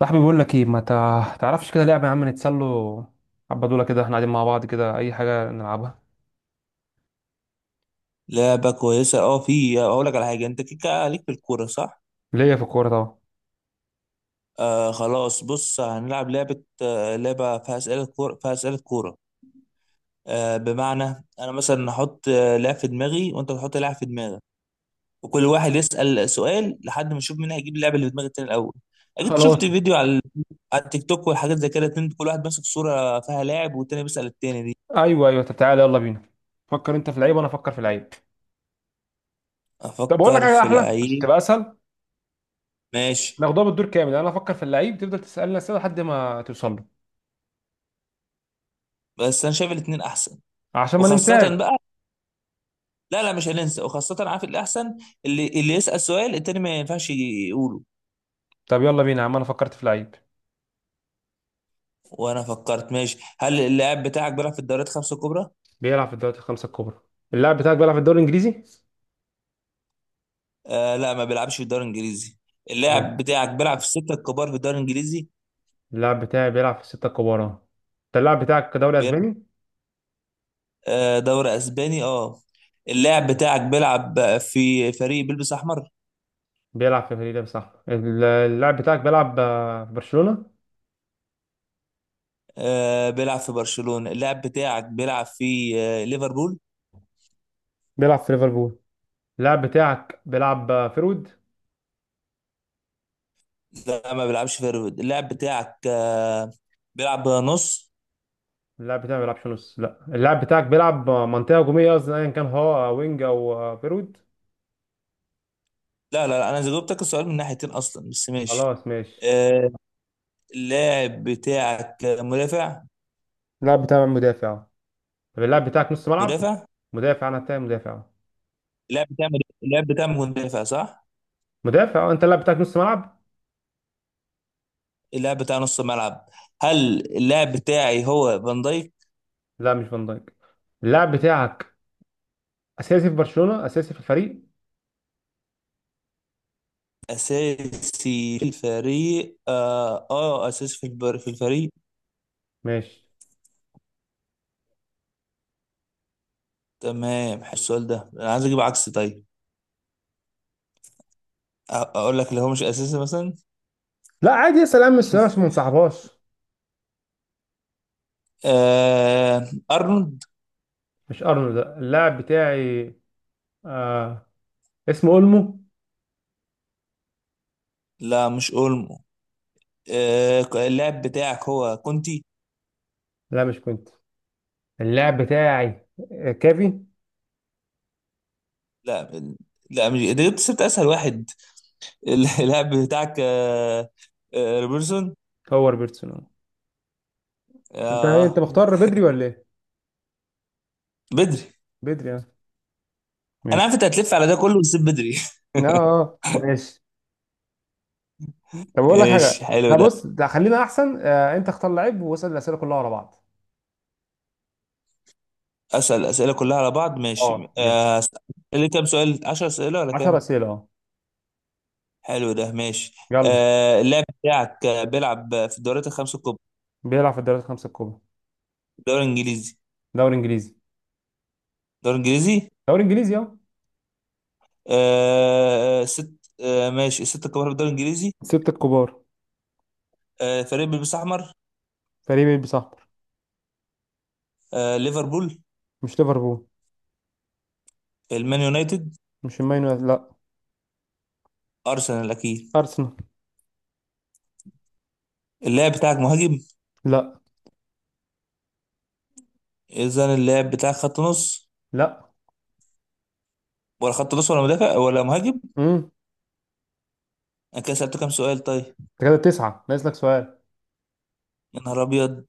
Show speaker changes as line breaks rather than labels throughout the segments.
صاحبي بيقول لك ايه، ما تعرفش كده لعبه يا عم نتسلوا. حبه دول كده احنا قاعدين مع بعض، كده اي حاجه نلعبها.
لعبة كويسة في اقول لك على حاجة. انت كيكة ليك في الكورة صح؟
ليا في الكوره طبعا.
خلاص بص هنلعب لعبة فيها أسئلة كورة. بمعنى أنا مثلا هحط لاعب في دماغي وأنت تحط لاعب في دماغك، وكل واحد يسأل سؤال لحد ما نشوف مين هيجيب اللعبة اللي في دماغ التاني الأول. أكيد
خلاص.
شفت فيديو على التيك توك والحاجات زي كده. اتنين كل واحد ماسك صورة فيها لاعب والتاني بيسأل التاني دي.
ايوه ايوه، طب تعالى يلا بينا. فكر انت في اللعيب وانا افكر في اللعيب. طب اقول لك
أفكر
حاجه
في
احلى عشان
لعيب.
تبقى اسهل.
ماشي.
ناخدها بالدور كامل، انا افكر في اللعيب تفضل تسالني اسئله لحد ما توصل له.
بس أنا شايف الاتنين أحسن،
عشان ما ننساش.
وخاصة بقى. لا، لا، مش هننسى. وخاصة عارف الأحسن، اللي يسأل سؤال التاني ما ينفعش يقوله.
طب يلا بينا يا عم، انا فكرت في لعيب.
وأنا فكرت ماشي. هل اللاعب بتاعك بيلعب في الدوريات خمسة الكبرى؟
بيلعب في الدوري الخمسه الكبرى. اللاعب بتاعك بيلعب في الدوري الانجليزي؟
لا، ما بيلعبش في الدوري الإنجليزي.
ايوه.
اللاعب بتاعك بيلعب في الستة الكبار في الدوري الإنجليزي.
اللاعب بتاعي بيلعب في السته الكبار اه. انت اللاعب بتاعك دوري
بيلعب
اسباني؟
دوري أسباني اللاعب بتاعك بيلعب في فريق بيلبس أحمر.
بيلعب في فريق ده صح. اللاعب بتاعك بيلعب في برشلونة.
بيلعب في برشلونة. اللاعب بتاعك بيلعب في ليفربول.
بيلعب في ليفربول. اللاعب بتاعك بيلعب فيرود.
لا، ما بيلعبش في ليفربول. اللاعب بتاعك بيلعب نص.
اللاعب بتاعك ما بيلعبش نص، لا اللاعب بتاعك بيلعب منطقة هجومية قصدي ايا كان، هو وينج او فيرود.
لا، لا، لا، انا جاوبتك السؤال من ناحيتين اصلا بس ماشي.
خلاص ماشي.
آه اللاعب بتاعك مدافع.
اللاعب بتاعك مدافع؟ طب اللاعب بتاعك نص ملعب؟
مدافع.
مدافع. انا بتاعي مدافع.
اللاعب بتاع اللاعب بتاع مدافع صح.
مدافع انت اللاعب بتاعك نص ملعب.
اللاعب بتاع نص ملعب. هل اللاعب بتاعي هو فان دايك؟
لا مش فان دايك. اللاعب بتاعك اساسي في برشلونة، اساسي في الفريق.
اساسي في الفريق اه، اساسي في في الفريق.
ماشي.
تمام. حلو السؤال ده، انا عايز اجيب عكس طيب. اقول لك اللي هو مش اساسي مثلا.
لا عادي اسال امس عشان ما نصاحبهاش.
ارنولد.
مش ارنولد لا. اللاعب بتاعي آه. اسمه اولمو.
لا، مش اولمو. اللاعب بتاعك هو كونتي.
لا مش كنت. اللاعب بتاعي كافي.
لا، لا، مش انت جبت سبت اسهل واحد. اللاعب بتاعك روبرتسون.
هو روبرتسون آه. انت ايه، انت
اه،
مختار بدري ولا ايه؟
بدري.
بدري اه.
انا
ماشي.
عارف انت هتلف على ده كله وتسيب بدري.
اه، ماشي. طب اقول لك حاجه.
ماشي، حلو
لا
ده.
بص ده خلينا احسن انت اختار لعيب واسال الاسئله كلها ورا بعض.
اسال الاسئله كلها على بعض ماشي.
اه جه
اللي كام سؤال، 10 اسئله ولا
10
كام؟
اسئله اه.
حلو ده، ماشي.
يلا.
اللاعب بتاعك بيلعب في الدوريات الخمس الكبرى.
بيلعب في الدوريات الخمسه الكبرى.
الدوري الانجليزي.
دوري انجليزي.
الدوري الانجليزي.
دوري انجليزي اه.
آه، آه، ست آه، ماشي. الست الكبار في الدوري الانجليزي.
ستة الكبار.
فريق بيلبس احمر.
فريق بيلبس احمر.
ليفربول.
مش ليفربول.
المان يونايتد.
مش المان يونايتد لا.
ارسنال اكيد.
ارسنال.
اللاعب بتاعك مهاجم؟
لا.
اذا اللاعب بتاعك خط نص.
لا.
ولا خط نص ولا مدافع ولا مهاجم.
امم.
انا كده سالته كام سؤال طيب؟
انت كده تسعة ناقص لك سؤال.
يا نهار ابيض.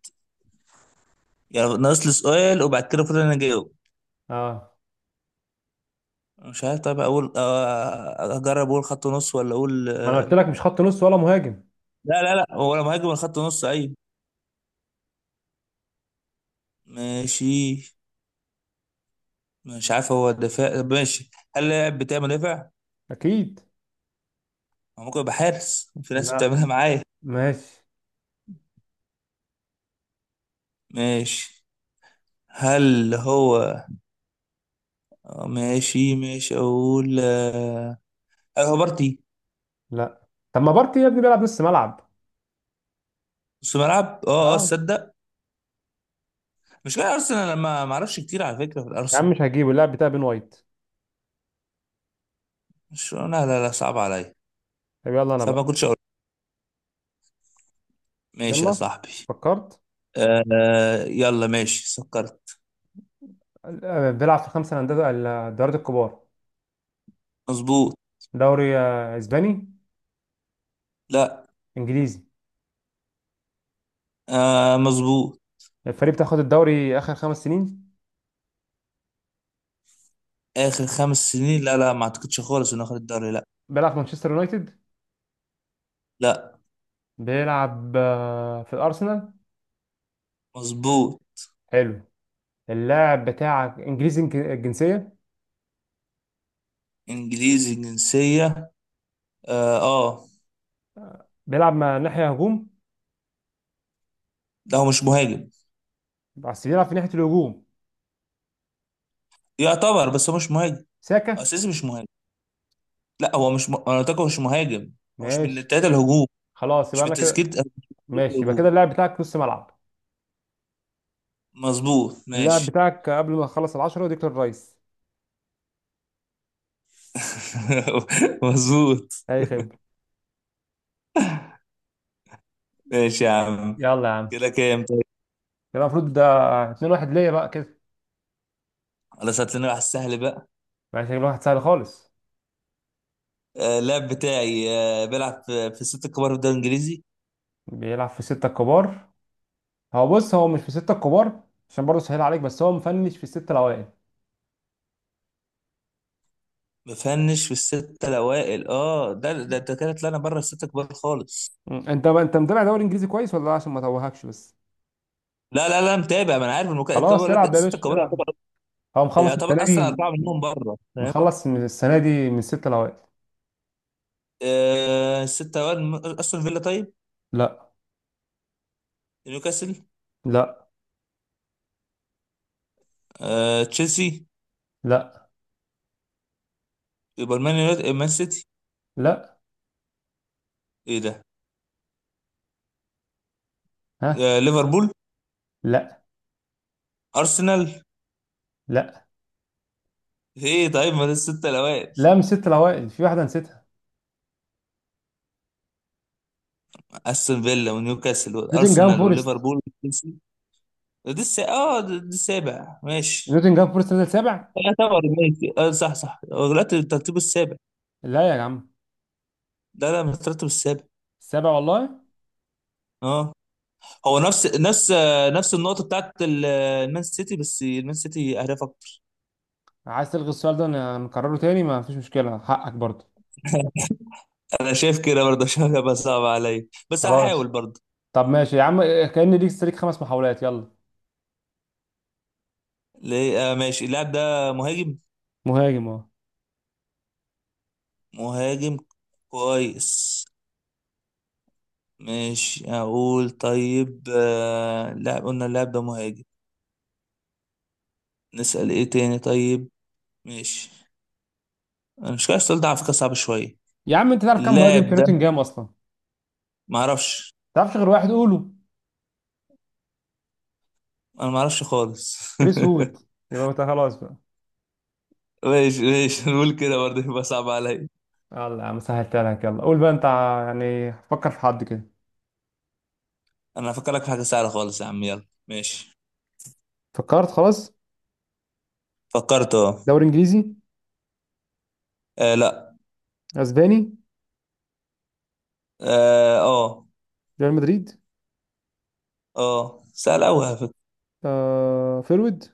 يعني ناقص لي سؤال وبعد كده المفروض انا اجاوب.
اه،
مش عارف. طيب اقول اجرب اقول خط نص ولا اقول.
ما انا قلت لك مش خط نص ولا مهاجم.
لا، لا، لا، هو ولا مهاجم ولا خط نص، ايوه. ماشي. مش عارف هو دفاع، طب ماشي. هل اللاعب بتاعي مدافع؟
اكيد.
هو ممكن يبقى حارس، في ناس
لا.
بتعملها معايا.
ماشي.
ماشي. هل هو ماشي ماشي. اقول هل هو بارتي؟
لا. طب ما بارتي يا ابني بيلعب نص ملعب.
نص ملعب اه اه،
اه.
تصدق؟ مش كده ارسنال لما ما ما اعرفش كتير على فكره في
يا عم
الارسنال.
مش هجيبه، اللاعب بتاع بين وايت.
مش، لا، لا، لا، صعب عليا.
طب يلا انا
صعب ما
بقى.
كنتش اقول. ماشي يا
يلا.
صاحبي.
فكرت.
يلا ماشي سكرت.
بيلعب في الخمسه الانديه الدوريات الكبار.
مظبوط.
دوري اسباني.
لا.
انجليزي.
مظبوط.
الفريق بتاخد الدوري اخر خمس سنين.
اخر خمس سنين؟ لا، لا، ما اعتقدش خالص انه اخد الدوري، لا.
بيلعب في مانشستر يونايتد.
لا،
بيلعب في الارسنال.
مظبوط.
حلو. اللاعب بتاعك انجليزي الجنسيه.
انجليزي جنسيه. اه.
بيلعب مع ناحيه هجوم.
لا، هو مش مهاجم.
بس بيلعب في ناحيه الهجوم.
يعتبر، بس هو مش مهاجم.
ساكا.
اساسي مش مهاجم. لا، هو مش انا قلت لك هو مش مهاجم. هو مش من
ماشي.
التلاته الهجوم.
خلاص يبقى انا كده.
مش من تشكيلة
ماشي، يبقى
الهجوم.
كده اللاعب بتاعك نص ملعب.
مظبوط،
اللاعب
ماشي.
بتاعك قبل ما تخلص العشرة ديكلان رايس.
مظبوط.
اي خبرة.
ماشي يا عم.
يلا يا عم.
كده كام طيب؟
كده المفروض ده 2-1 ليا بقى كده.
خلاص، هات لنا واحد سهل بقى.
ماشي، شكل واحد سهل خالص.
اللاعب بتاعي بيلعب في الست الكبار في الدوري الانجليزي.
بيلعب في الستة الكبار. هو بص، هو مش في الستة الكبار. عشان برضه سهل عليك، بس هو مفنش في الستة الاوائل.
مفنش في الستة الاوائل اه، ده انت كده طلعنا بره الستة الكبار خالص.
مم. انت بقى انت متابع دوري انجليزي كويس ولا لا؟ عشان ما توهكش بس.
لا، لا، لا، متابع. ما انا عارف
خلاص
بقول لك
العب يا
الستة
باشا
الكبار يعتبر.
العب. هو مخلص
يعتبر
السنة دي.
اصلا اربعة منهم بره فاهم.
مخلص من السنة دي من الستة الاوائل.
الستة الاوائل استون فيلا طيب.
لا.
نيوكاسل.
لا.
تشيلسي.
لا.
يبقى مان سيتي.
لا.
ايه ده؟
ها.
ليفربول.
لا.
ارسنال.
لا.
ايه طيب، ما دي الستة الاوائل.
لا مش ست الاوائل، في واحده نسيتها.
استون فيلا ونيوكاسل
نوتنجهام
وارسنال
فورست.
وليفربول وتشيلسي. دي اه، دي السابع ماشي.
نوتنجهام فورست نزل سابع.
يعتبر ماشي، اه، صح صح، غلطت الترتيب السابع.
لا يا عم.
لا، لا، مش الترتيب السابع.
السابع والله.
اه، هو نفس النقطة بتاعت المان سيتي، بس المان سيتي اهداف اكتر.
عايز تلغي السؤال ده، نكرره تاني ما فيش مشكله حقك برضه.
انا شايف كده برضه، عشان هيبقى صعب عليا بس هحاول
خلاص.
برضه.
طب ماشي يا عم. كأن ليك خمس محاولات يلا.
ليه؟ ماشي. اللاعب ده مهاجم.
مهاجم اهو.
مهاجم. كويس. ماشي اقول طيب لا، قلنا اللاعب ده مهاجم. نسأل ايه تاني طيب؟ ماشي. انا مش عارف السؤال ده على فكرة صعب شوية.
يا عم انت تعرف كام مهاجم
اللاعب
في
ده،
نوتنجهام اصلا، ما
معرفش
تعرفش غير واحد قوله.
انا معرفش خالص.
كريس وود. يبقى انت خلاص بقى.
ماشي ماشي نقول كده برضه يبقى صعب عليا.
يلا يا عم سهلتها لك، يلا قول بقى انت يعني فكر في حد كده.
انا هفكرك في حاجة سهلة خالص يا عم، يلا ماشي.
فكرت خلاص.
فكرت اه.
دوري انجليزي.
لا.
اسباني.
اه اه.
ريال مدريد.
سهل قوي على فكرة.
فيرويد.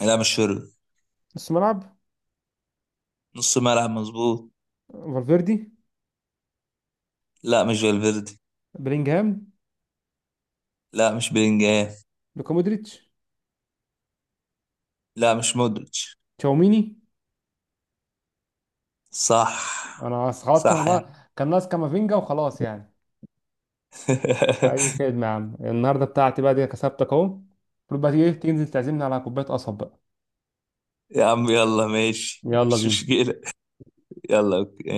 لا، مش شرب.
نص ملعب.
نص ملعب مظبوط.
فالفيردي.
لا، مش فالفيردي.
بلينجهام.
لا، مش بلينجهام.
لوكا مودريتش.
لا، مش مودريتش.
تشاوميني.
صح.
انا خلاص، كان
صح يعني.
والله كان ناقص كامافينجا وخلاص يعني. ادي خدمة يا عم النهارده بتاعتي بقى دي، كسبتك اهو. المفروض بقى تيجي تنزل تعزمني على كوبايه قصب بقى.
يا عم يلا ماشي
يلا
مش
بينا.
مشكلة. يلا اوكي.